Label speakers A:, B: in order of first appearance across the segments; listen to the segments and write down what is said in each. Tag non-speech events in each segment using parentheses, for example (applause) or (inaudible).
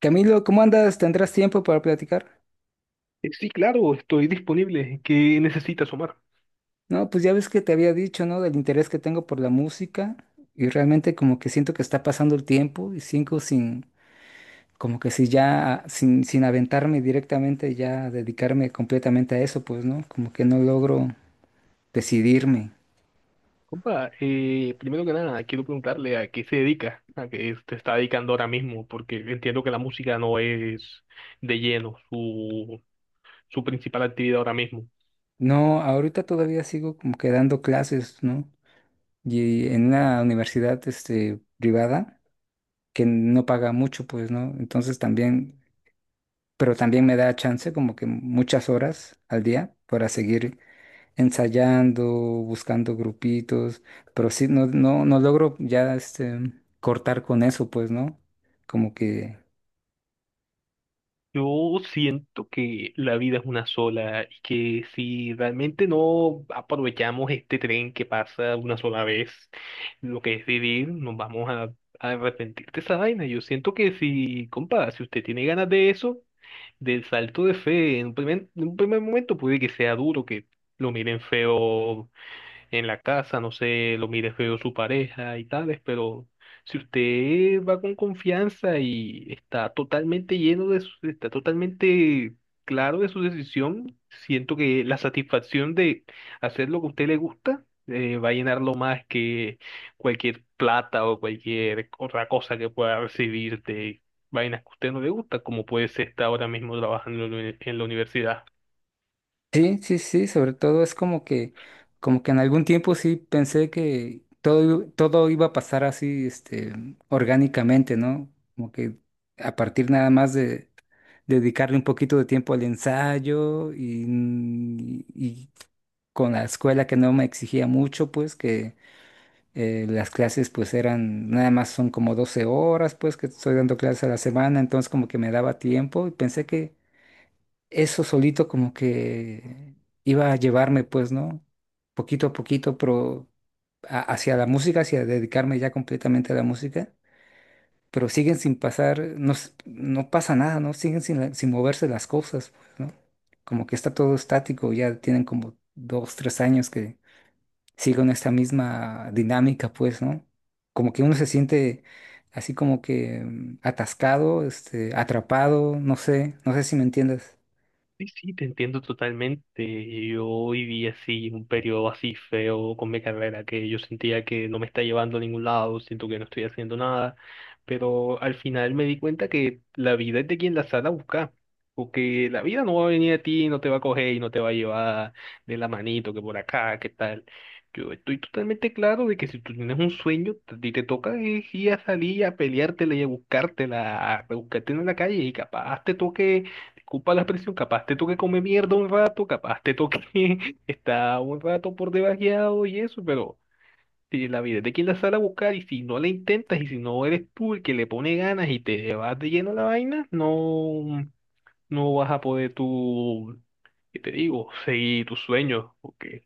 A: Camilo, ¿cómo andas? ¿Tendrás tiempo para platicar?
B: Sí, claro, estoy disponible. ¿Qué necesitas, Omar?
A: No, pues ya ves que te había dicho, ¿no? Del interés que tengo por la música y realmente como que siento que está pasando el tiempo y cinco sin, como que si ya, sin aventarme directamente, ya dedicarme completamente a eso, pues, ¿no? Como que no logro decidirme.
B: Compa, primero que nada, quiero preguntarle a qué se dedica, a qué se está dedicando ahora mismo, porque entiendo que la música no es de lleno su principal actividad ahora mismo.
A: No, ahorita todavía sigo como que dando clases, ¿no? Y en una universidad, este, privada que no paga mucho, pues, ¿no? Entonces también pero también me da chance como que muchas horas al día para seguir ensayando, buscando grupitos, pero sí, no logro ya este, cortar con eso, pues, ¿no? Como que
B: Yo siento que la vida es una sola y que si realmente no aprovechamos este tren que pasa una sola vez, lo que es vivir, nos vamos a arrepentir de esa vaina. Yo siento que si, compa, si usted tiene ganas de eso, de salto de fe. En un primer momento puede que sea duro, que lo miren feo en la casa, no sé, lo mire feo su pareja y tales, pero si usted va con confianza y está totalmente lleno de su, está totalmente claro de su decisión, siento que la satisfacción de hacer lo que a usted le gusta va a llenarlo más que cualquier plata o cualquier otra cosa que pueda recibir de vainas que a usted no le gusta, como puede ser estar ahora mismo trabajando en en la universidad.
A: sí, sí, sobre todo es como que en algún tiempo sí pensé que todo iba a pasar así, este, orgánicamente, ¿no? Como que a partir nada más de dedicarle un poquito de tiempo al ensayo y con la escuela que no me exigía mucho, pues que las clases pues eran, nada más son como 12 horas, pues que estoy dando clases a la semana, entonces como que me daba tiempo y pensé que eso solito como que iba a llevarme, pues, ¿no? Poquito a poquito, pero hacia la música, hacia dedicarme ya completamente a la música, pero siguen sin pasar, no, no pasa nada, ¿no? Siguen sin, sin moverse las cosas, pues, ¿no? Como que está todo estático, ya tienen como dos, tres años que siguen esta misma dinámica, pues, ¿no? Como que uno se siente así como que atascado, este, atrapado, no sé, no sé si me entiendes.
B: Sí, sí, te entiendo totalmente. Yo viví así, un periodo así feo con mi carrera, que yo sentía que no me está llevando a ningún lado, siento que no estoy haciendo nada, pero al final me di cuenta que la vida es de quien la sale a buscar, porque la vida no va a venir a ti, no te va a coger y no te va a llevar de la manito, que por acá, que tal. Yo estoy totalmente claro de que si tú tienes un sueño, a ti te toca es ir a salir, a peleártela y a buscártela, a buscarte en la calle y capaz te toque ocupa la presión, capaz te toque comer mierda un rato, capaz te toque (laughs) estar un rato por debajeado y eso, pero si la vida es de quien la sale a buscar y si no la intentas y si no eres tú el que le pone ganas y te vas de lleno a la vaina, no, no vas a poder tú, ¿qué te digo? Seguir tus sueños, porque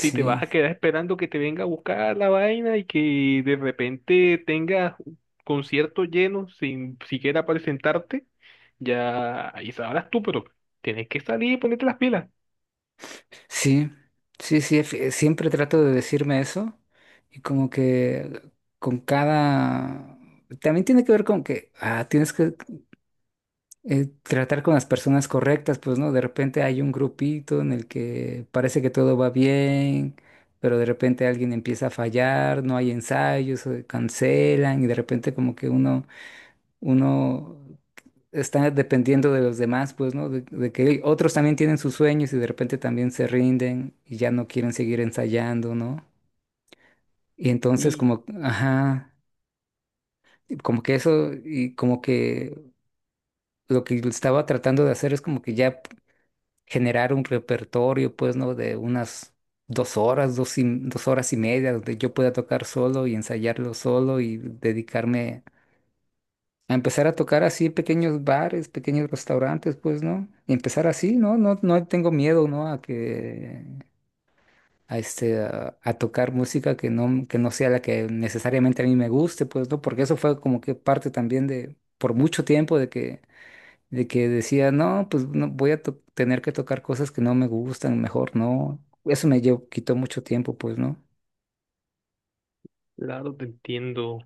B: si te vas a quedar esperando que te venga a buscar la vaina y que de repente tengas conciertos llenos sin siquiera presentarte, ya ahí sabrás tú, pero tienes que salir y ponerte las pilas.
A: Sí, sí, siempre trato de decirme eso y como que con cada... También tiene que ver con que ah, tienes que tratar con las personas correctas, pues, ¿no? De repente hay un grupito en el que parece que todo va bien, pero de repente alguien empieza a fallar, no hay ensayos, cancelan y de repente como que uno está dependiendo de los demás, pues, ¿no? De que otros también tienen sus sueños y de repente también se rinden y ya no quieren seguir ensayando, ¿no? Y entonces
B: Y
A: como, ajá, y como que eso y como que lo que estaba tratando de hacer es como que generar un repertorio, pues, ¿no? De unas 2 horas, 2 horas y media, donde yo pueda tocar solo y ensayarlo solo y dedicarme a empezar a tocar así pequeños bares, pequeños restaurantes, pues, ¿no? Y empezar así, ¿no? No, no tengo miedo, ¿no? A que, a este, a tocar música que no sea la que necesariamente a mí me guste, pues, ¿no? Porque eso fue como que parte también de, por mucho tiempo de que decía, no, pues, no, voy a tener que tocar cosas que no me gustan, mejor no. Eso me llevó, quitó mucho tiempo, pues, ¿no?
B: claro, te entiendo.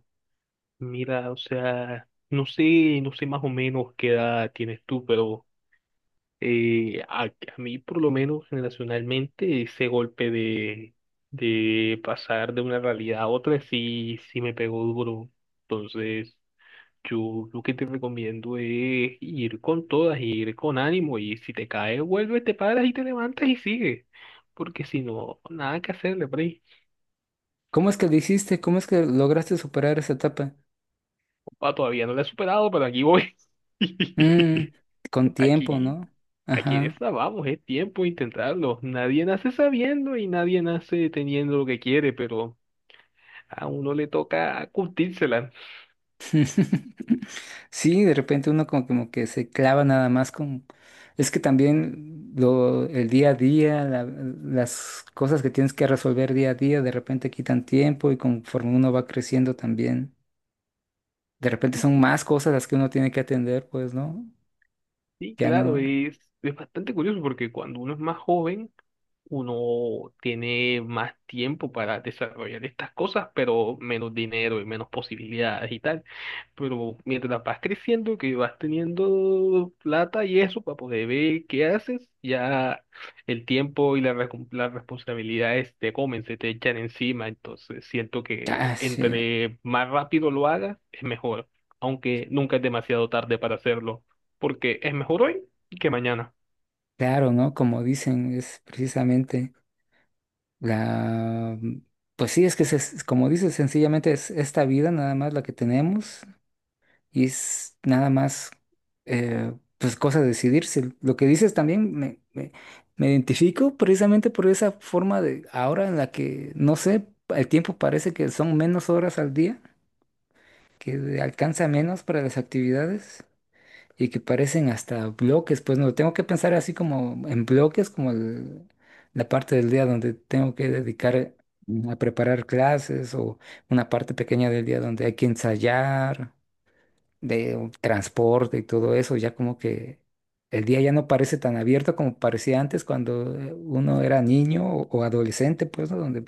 B: Mira, o sea, no sé, no sé más o menos qué edad tienes tú, pero a mí por lo menos generacionalmente ese golpe de pasar de una realidad a otra sí, sí me pegó duro. Entonces... Yo lo que te recomiendo es ir con todas, ir con ánimo y si te caes, vuelves, te paras y te levantas y sigue. Porque si no, nada que hacerle, Bray.
A: ¿Cómo es que lo hiciste? ¿Cómo es que lograste superar esa etapa?
B: Pa todavía no la he superado, pero aquí voy. (laughs)
A: Mm, con tiempo,
B: Aquí,
A: ¿no?
B: aquí en
A: Ajá.
B: esta vamos, es tiempo de intentarlo. Nadie nace sabiendo y nadie nace teniendo lo que quiere, pero a uno le toca curtírsela.
A: (laughs) Sí, de repente uno como, como que se clava nada más con... Es que el día a día, las cosas que tienes que resolver día a día, de repente quitan tiempo y conforme uno va creciendo también, de repente son más cosas las que uno tiene que atender, pues, ¿no?
B: Sí,
A: Ya
B: claro,
A: no...
B: es bastante curioso porque cuando uno es más joven, uno tiene más tiempo para desarrollar estas cosas, pero menos dinero y menos posibilidades y tal. Pero mientras vas creciendo, que vas teniendo plata y eso para poder ver qué haces, ya el tiempo y las responsabilidades te comen, se te echan encima. Entonces siento que
A: Ah, sí,
B: entre más rápido lo hagas, es mejor, aunque nunca es demasiado tarde para hacerlo porque es mejor hoy que mañana.
A: claro, ¿no? Como dicen, es precisamente la... Pues sí, es que, como dices, sencillamente es esta vida nada más la que tenemos y es nada más pues cosa de decidirse. Lo que dices también me identifico precisamente por esa forma de ahora en la que, no sé, el tiempo parece que son menos horas al día, que alcanza menos para las actividades y que parecen hasta bloques, pues no, tengo que pensar así como en bloques, como la parte del día donde tengo que dedicar a preparar clases o una parte pequeña del día donde hay que ensayar de un transporte y todo eso, ya como que el día ya no parece tan abierto como parecía antes cuando uno era niño o adolescente, pues, ¿no? Donde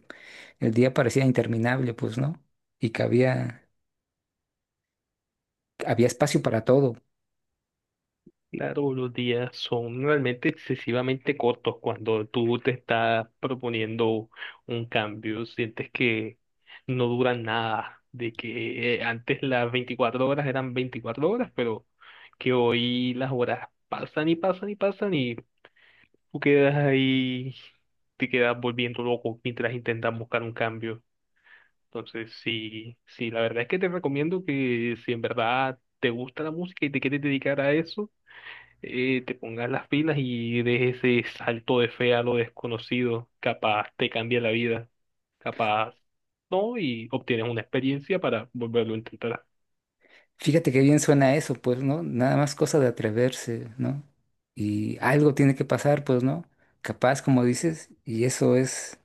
A: el día parecía interminable, pues, ¿no? Y que había, había espacio para todo.
B: Claro, los días son realmente excesivamente cortos cuando tú te estás proponiendo un cambio, sientes que no duran nada, de que antes las 24 horas eran 24 horas, pero que hoy las horas pasan y pasan y pasan y tú quedas ahí, te quedas volviendo loco mientras intentas buscar un cambio. Entonces, sí, sí, la verdad es que te recomiendo que si en verdad te gusta la música y te quieres dedicar a eso, te pongas las pilas y des ese salto de fe a lo desconocido. Capaz te cambia la vida, capaz no, y obtienes una experiencia para volverlo a intentar.
A: Fíjate qué bien suena eso, pues, ¿no? Nada más cosa de atreverse, ¿no? Y algo tiene que pasar, pues, ¿no? Capaz, como dices, y eso es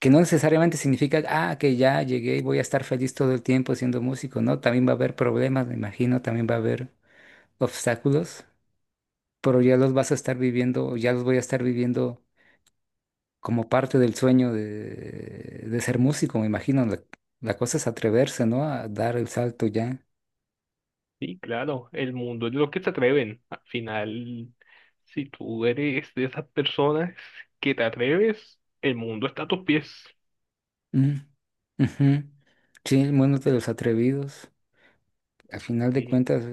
A: que no necesariamente significa, ah, que ya llegué y voy a estar feliz todo el tiempo siendo músico, ¿no? También va a haber problemas, me imagino, también va a haber obstáculos, pero ya los vas a estar viviendo, o ya los voy a estar viviendo como parte del sueño de ser músico, me imagino. La cosa es atreverse, ¿no? A dar el salto ya.
B: Sí, claro, el mundo es de los que se atreven. Al final, si tú eres de esas personas que te atreves, el mundo está a tus pies.
A: Mm, ujú. Sí, el mundo de los atrevidos. Al final de
B: Sí.
A: cuentas,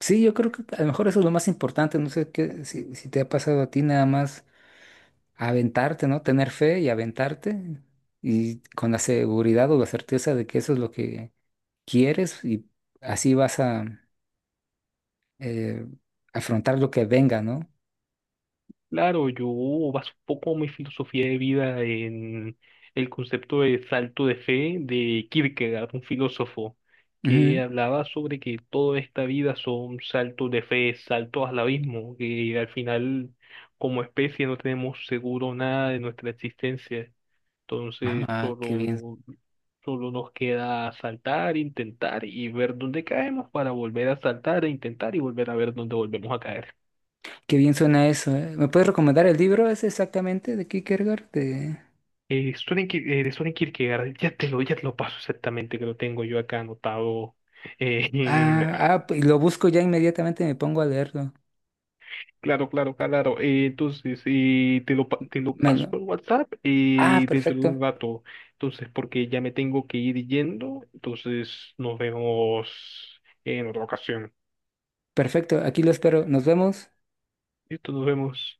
A: sí, yo creo que a lo mejor eso es lo más importante. No sé qué, si, si te ha pasado a ti nada más aventarte, ¿no? Tener fe y aventarte y con la seguridad o la certeza de que eso es lo que quieres y así vas a eh, afrontar lo que venga, ¿no?
B: Claro, yo baso un poco mi filosofía de vida en el concepto de salto de fe de Kierkegaard, un filósofo que
A: Ujú.
B: hablaba sobre que toda esta vida son saltos de fe, saltos al abismo, que al final como especie no tenemos seguro nada de nuestra existencia. Entonces
A: Ah,
B: solo, solo nos queda saltar, intentar y ver dónde caemos para volver a saltar e intentar y volver a ver dónde volvemos a caer.
A: qué bien suena eso, ¿eh? ¿Me puedes recomendar el libro ese exactamente de Kierkegaard? De...
B: De Soren Kierkegaard, ya te lo paso exactamente, que lo tengo yo acá anotado. Eh, (laughs)
A: Ah,
B: ah,
A: ah, pues lo busco ya inmediatamente y me pongo a leerlo.
B: claro, claro, claro. Entonces, te lo
A: Me
B: paso
A: lo-
B: por WhatsApp
A: Ah,
B: dentro de un
A: perfecto,
B: rato. Entonces, porque ya me tengo que ir yendo. Entonces, nos vemos en otra ocasión.
A: perfecto, aquí lo espero. Nos vemos.
B: Listo, nos vemos.